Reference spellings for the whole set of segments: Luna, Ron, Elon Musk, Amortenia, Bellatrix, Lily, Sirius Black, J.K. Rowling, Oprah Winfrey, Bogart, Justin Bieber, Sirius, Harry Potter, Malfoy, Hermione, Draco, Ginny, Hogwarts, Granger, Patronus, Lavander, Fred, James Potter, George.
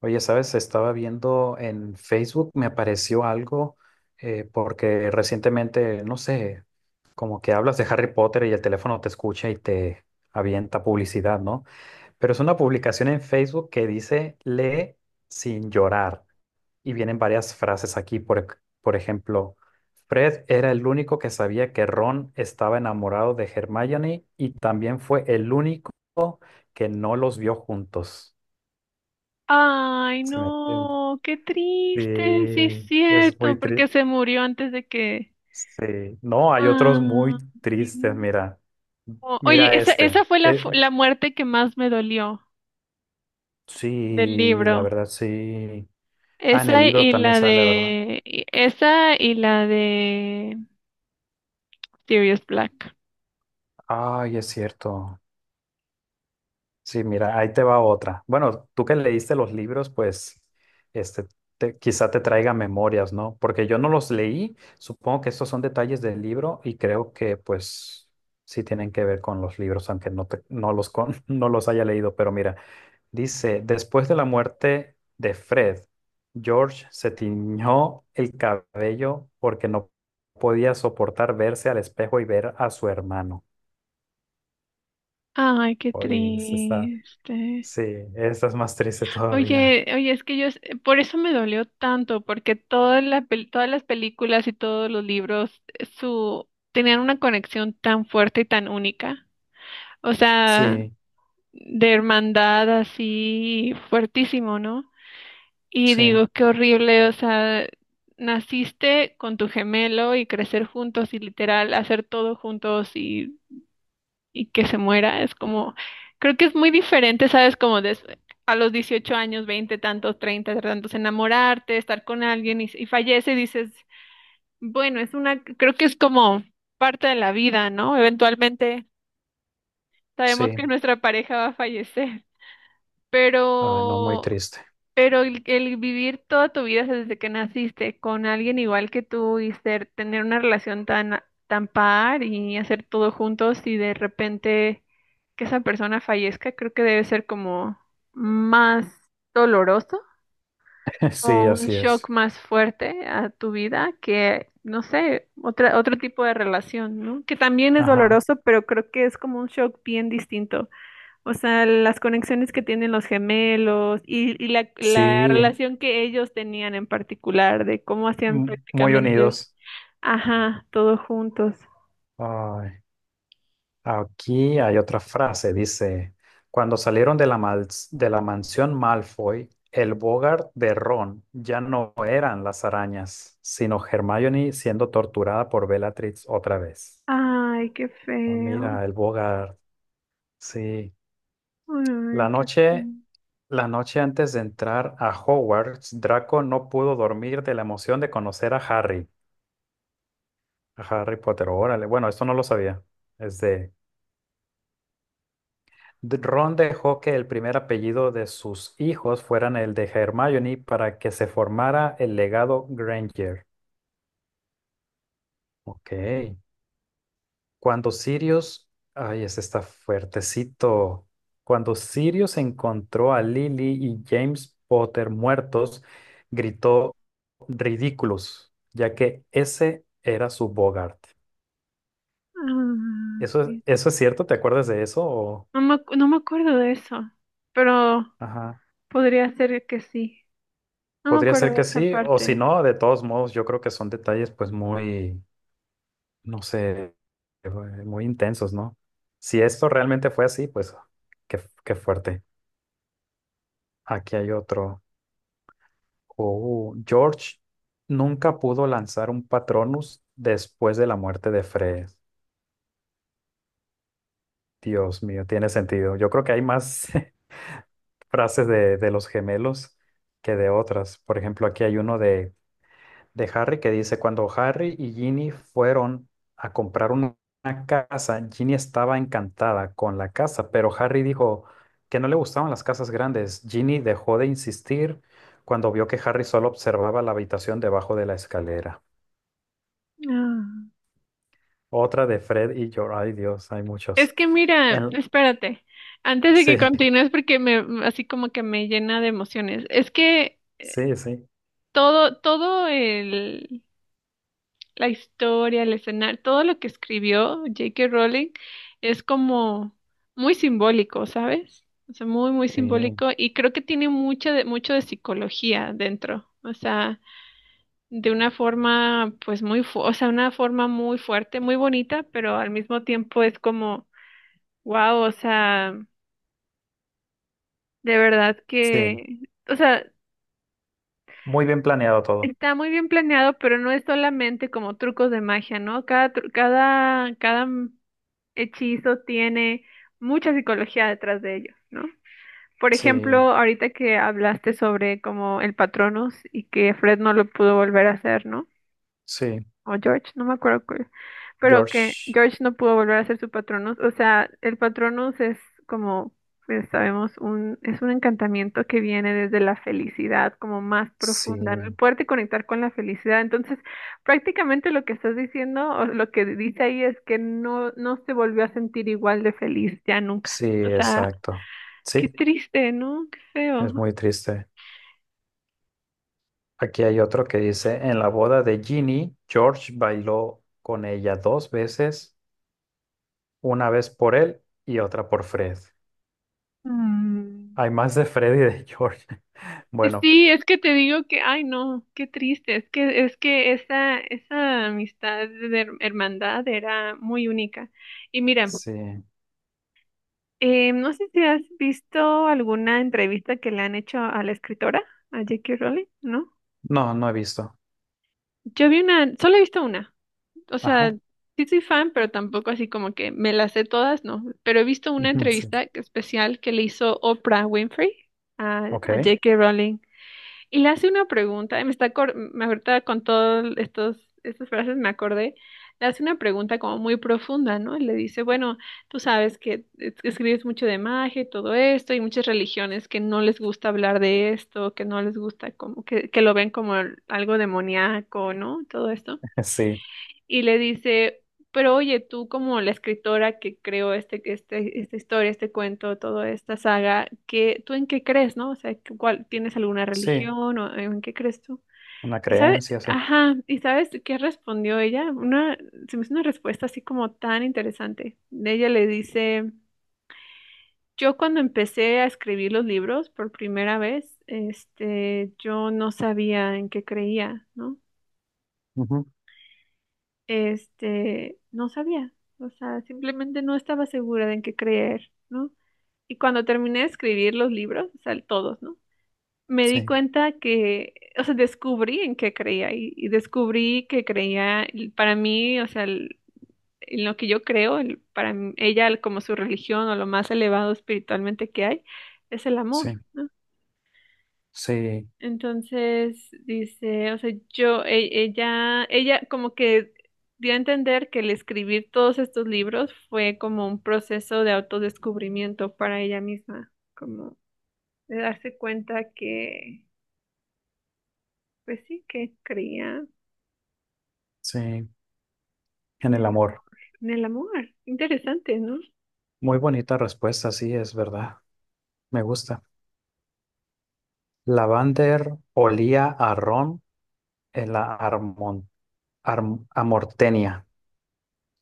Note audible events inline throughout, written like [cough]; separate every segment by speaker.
Speaker 1: Oye, ¿sabes? Estaba viendo en Facebook, me apareció algo, porque recientemente, no sé, como que hablas de Harry Potter y el teléfono te escucha y te avienta publicidad, ¿no? Pero es una publicación en Facebook que dice, lee sin llorar. Y vienen varias frases aquí, por ejemplo, Fred era el único que sabía que Ron estaba enamorado de Hermione y también fue el único que no los vio juntos.
Speaker 2: Ay,
Speaker 1: Se me...
Speaker 2: no, qué
Speaker 1: Sí,
Speaker 2: triste, sí es
Speaker 1: es
Speaker 2: cierto,
Speaker 1: muy
Speaker 2: porque
Speaker 1: triste.
Speaker 2: se murió antes de que...
Speaker 1: Sí. No, hay otros
Speaker 2: ah,
Speaker 1: muy
Speaker 2: Ay,
Speaker 1: tristes,
Speaker 2: no.
Speaker 1: mira.
Speaker 2: Oye,
Speaker 1: Mira
Speaker 2: esa
Speaker 1: este.
Speaker 2: fue la, fu- la muerte que más me dolió del
Speaker 1: Sí, la
Speaker 2: libro.
Speaker 1: verdad, sí. Ah, en el
Speaker 2: Esa
Speaker 1: libro
Speaker 2: y
Speaker 1: también
Speaker 2: la
Speaker 1: sale, ¿verdad?
Speaker 2: de... Esa y la de Sirius Black.
Speaker 1: Ay, es cierto. Sí, mira, ahí te va otra. Bueno, tú que leíste los libros, pues, este, quizá te traiga memorias, ¿no? Porque yo no los leí. Supongo que estos son detalles del libro y creo que, pues, sí tienen que ver con los libros, aunque no los con, [laughs] no los haya leído. Pero mira. Dice, después de la muerte de Fred, George se tiñó el cabello porque no podía soportar verse al espejo y ver a su hermano.
Speaker 2: Ay, qué
Speaker 1: Oye, esta está,
Speaker 2: triste.
Speaker 1: sí, esta es más triste todavía.
Speaker 2: Oye, es que yo, por eso me dolió tanto, porque todas las películas y todos los libros, tenían una conexión tan fuerte y tan única. O sea,
Speaker 1: Sí,
Speaker 2: de hermandad así fuertísimo, ¿no? Y
Speaker 1: sí,
Speaker 2: digo, qué horrible, o sea, naciste con tu gemelo y crecer juntos y literal hacer todo juntos y que se muera, es como, creo que es muy diferente, ¿sabes? A los 18 años, 20 tantos, 30 tantos, enamorarte, estar con alguien y fallece y dices, bueno, es una, creo que es como parte de la vida, ¿no? Eventualmente sabemos
Speaker 1: sí.
Speaker 2: que nuestra pareja va a fallecer,
Speaker 1: Ah, no, muy
Speaker 2: pero
Speaker 1: triste.
Speaker 2: pero el vivir toda tu vida desde que naciste con alguien igual que tú y ser, tener una relación tan, tan par y hacer todo juntos y de repente que esa persona fallezca, creo que debe ser como más doloroso
Speaker 1: [laughs] Sí,
Speaker 2: o un
Speaker 1: así
Speaker 2: shock
Speaker 1: es.
Speaker 2: más fuerte a tu vida que, no sé, otro tipo de relación, ¿no? Que también es
Speaker 1: Ajá.
Speaker 2: doloroso, pero creo que es como un shock bien distinto. O sea, las conexiones que tienen los gemelos y la
Speaker 1: Sí,
Speaker 2: relación que ellos tenían en particular, de cómo hacían
Speaker 1: muy
Speaker 2: prácticamente,
Speaker 1: unidos.
Speaker 2: ajá, todos juntos.
Speaker 1: Ay. Aquí hay otra frase, dice, cuando salieron de la, de la mansión Malfoy, el Bogart de Ron ya no eran las arañas, sino Hermione siendo torturada por Bellatrix otra vez.
Speaker 2: Ay, qué
Speaker 1: Ah,
Speaker 2: feo.
Speaker 1: mira, el Bogart, sí.
Speaker 2: Ay,
Speaker 1: La
Speaker 2: qué
Speaker 1: noche,
Speaker 2: feo.
Speaker 1: la noche antes de entrar a Hogwarts, Draco no pudo dormir de la emoción de conocer a Harry Potter. Órale, bueno, esto no lo sabía. Es de Ron dejó que el primer apellido de sus hijos fueran el de Hermione para que se formara el legado Granger. Ok. Cuando Sirius, ay, ese está fuertecito. Cuando Sirius encontró a Lily y James Potter muertos, gritó ridículos, ya que ese era su Bogart. ¿Eso,
Speaker 2: Ay.
Speaker 1: eso es cierto? ¿Te acuerdas de eso? O...
Speaker 2: No me acuerdo de eso, pero
Speaker 1: Ajá.
Speaker 2: podría ser que sí. No me
Speaker 1: Podría
Speaker 2: acuerdo
Speaker 1: ser
Speaker 2: de
Speaker 1: que
Speaker 2: esa
Speaker 1: sí, o si
Speaker 2: parte.
Speaker 1: no, de todos modos, yo creo que son detalles pues muy no sé, eh, muy intensos, ¿no? Si esto realmente fue así, pues qué fuerte. Aquí hay otro. Oh, George nunca pudo lanzar un Patronus después de la muerte de Fred. Dios mío, tiene sentido. Yo creo que hay más [laughs] frases de los gemelos que de otras. Por ejemplo, aquí hay uno de Harry que dice, cuando Harry y Ginny fueron a comprar una casa, Ginny estaba encantada con la casa, pero Harry dijo que no le gustaban las casas grandes. Ginny dejó de insistir cuando vio que Harry solo observaba la habitación debajo de la escalera.
Speaker 2: Ah.
Speaker 1: Otra de Fred y George. Ay, Dios, hay
Speaker 2: Es
Speaker 1: muchos.
Speaker 2: que mira,
Speaker 1: En-
Speaker 2: espérate, antes de
Speaker 1: Sí,
Speaker 2: que continúes, porque me, así como que me llena de emociones. Es que
Speaker 1: sí, sí,
Speaker 2: todo el, la historia, el escenario, todo lo que escribió J.K. Rowling es como muy simbólico, ¿sabes? O sea, muy
Speaker 1: sí,
Speaker 2: simbólico y creo que tiene mucho mucho de psicología dentro, o sea, de una forma, o sea, una forma muy fuerte, muy bonita, pero al mismo tiempo es como, wow, o sea, de verdad
Speaker 1: sí.
Speaker 2: que, o sea,
Speaker 1: Muy bien planeado todo.
Speaker 2: está muy bien planeado, pero no es solamente como trucos de magia, ¿no? Cada hechizo tiene mucha psicología detrás de ellos, ¿no? Por
Speaker 1: Sí,
Speaker 2: ejemplo, ahorita que hablaste sobre como el Patronus y que Fred no lo pudo volver a hacer, ¿no?
Speaker 1: sí,
Speaker 2: O George, no me acuerdo cuál, pero que
Speaker 1: George.
Speaker 2: George no pudo volver a ser su Patronus. O sea, el Patronus es como, pues, sabemos, es un encantamiento que viene desde la felicidad, como más
Speaker 1: Sí,
Speaker 2: profunda, ¿no? El poderte conectar con la felicidad. Entonces, prácticamente lo que estás diciendo, o lo que dice ahí es que no, no se volvió a sentir igual de feliz ya nunca.
Speaker 1: sí,
Speaker 2: O sea,
Speaker 1: exacto.
Speaker 2: qué
Speaker 1: Sí.
Speaker 2: triste, ¿no? Qué feo.
Speaker 1: Es muy triste. Aquí hay otro que dice, en la boda de Ginny, George bailó con ella dos veces, una vez por él y otra por Fred.
Speaker 2: Mm.
Speaker 1: Hay más de Fred y de George. [laughs] Bueno,
Speaker 2: Sí, es que te digo que, ay no, qué triste, es que esa amistad de hermandad era muy única. Y mira,
Speaker 1: sí.
Speaker 2: no sé si has visto alguna entrevista que le han hecho a la escritora, a J.K. Rowling, ¿no?
Speaker 1: No, no he visto.
Speaker 2: Yo vi una, solo he visto una, o sea,
Speaker 1: Ajá.
Speaker 2: sí soy fan, pero tampoco así como que me las sé todas, no, pero he visto una
Speaker 1: [laughs] Sí.
Speaker 2: entrevista especial que le hizo Oprah Winfrey a
Speaker 1: Ok.
Speaker 2: J.K. Rowling. Y le hace una pregunta, y me ahorita con todas estos estas frases me acordé, le hace una pregunta como muy profunda, ¿no? Y le dice, bueno, tú sabes que escribes mucho de magia y todo esto, y muchas religiones que no les gusta hablar de esto, que no les gusta como que lo ven como algo demoníaco, ¿no? Todo esto
Speaker 1: [laughs] Sí.
Speaker 2: y le dice, pero oye, tú como la escritora que creó esta historia, este cuento, toda esta saga, ¿qué, tú en qué crees, no? O sea, ¿cuál, tienes alguna
Speaker 1: Sí.
Speaker 2: religión o en qué crees tú?
Speaker 1: Una
Speaker 2: Y sabes,
Speaker 1: creencia, sí.
Speaker 2: ajá, ¿y sabes qué respondió ella? Una, se me hizo una respuesta así como tan interesante. Ella le dice, yo cuando empecé a escribir los libros por primera vez, este, yo no sabía en qué creía, ¿no?
Speaker 1: Ujú.
Speaker 2: Este, no sabía, o sea, simplemente no estaba segura de en qué creer, ¿no? Y cuando terminé de escribir los libros, o sea, todos, ¿no? Me di
Speaker 1: Sí.
Speaker 2: cuenta que, o sea, descubrí en qué creía y descubrí que creía, y para mí, o sea, en lo que yo creo, ella como su religión o lo más elevado espiritualmente que hay, es el amor.
Speaker 1: Sí. Sí.
Speaker 2: Entonces dice, o sea, yo, ella como que dio a entender que el escribir todos estos libros fue como un proceso de autodescubrimiento para ella misma, como de darse cuenta que, pues sí, que creía
Speaker 1: Sí. En
Speaker 2: en
Speaker 1: el
Speaker 2: el amor,
Speaker 1: amor.
Speaker 2: en el amor. Interesante, ¿no?
Speaker 1: Muy bonita respuesta, sí, es verdad. Me gusta. Lavander olía a ron en la Amortenia,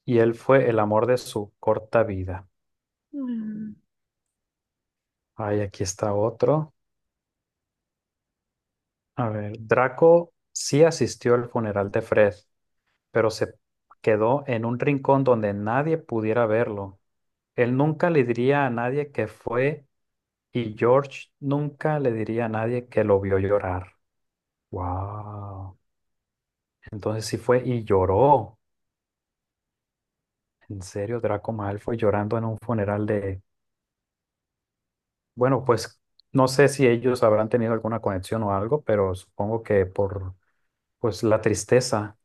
Speaker 1: y él fue el amor de su corta vida.
Speaker 2: Mm,
Speaker 1: Ay, aquí está otro. A ver, Draco sí asistió al funeral de Fred, pero se quedó en un rincón donde nadie pudiera verlo. Él nunca le diría a nadie que fue y George nunca le diría a nadie que lo vio llorar. Wow. Entonces sí fue y lloró. En serio, Draco Malfoy llorando en un funeral de... Bueno, pues no sé si ellos habrán tenido alguna conexión o algo, pero supongo que por pues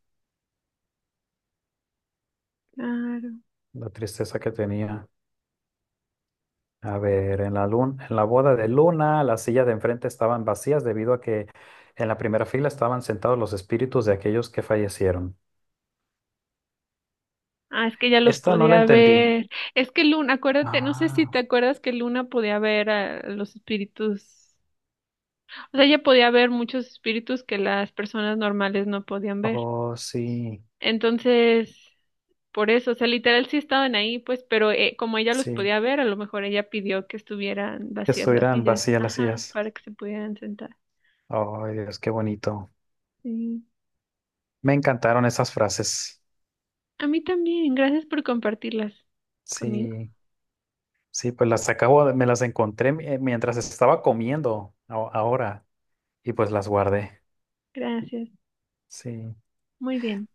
Speaker 2: claro.
Speaker 1: la tristeza que tenía. A ver, en la luna, en la boda de Luna, las sillas de enfrente estaban vacías debido a que en la primera fila estaban sentados los espíritus de aquellos que fallecieron.
Speaker 2: Ah, es que ella los
Speaker 1: Esta no la
Speaker 2: podía
Speaker 1: entendí.
Speaker 2: ver. Es que Luna, acuérdate, no sé si
Speaker 1: Ah,
Speaker 2: te acuerdas que Luna podía ver a los espíritus. O sea, ella podía ver muchos espíritus que las personas normales no podían ver.
Speaker 1: oh, sí,
Speaker 2: Entonces, por eso, o sea, literal sí estaban ahí, pues, pero como ella los
Speaker 1: sí,
Speaker 2: podía ver, a lo mejor ella pidió que estuvieran
Speaker 1: que
Speaker 2: vacías las
Speaker 1: estuvieran
Speaker 2: sillas,
Speaker 1: vacías las
Speaker 2: ajá,
Speaker 1: sillas.
Speaker 2: para que se pudieran sentar.
Speaker 1: Oh, Dios, qué bonito.
Speaker 2: Sí.
Speaker 1: Me encantaron esas frases.
Speaker 2: A mí también, gracias por compartirlas conmigo.
Speaker 1: Sí. Sí, pues las acabo, me las encontré mientras estaba comiendo ahora y pues las guardé.
Speaker 2: Gracias.
Speaker 1: Sí,
Speaker 2: Muy bien.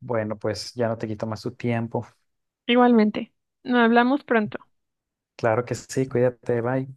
Speaker 1: bueno, pues ya no te quito más tu tiempo.
Speaker 2: Igualmente. Nos hablamos pronto.
Speaker 1: Claro que sí, cuídate, bye.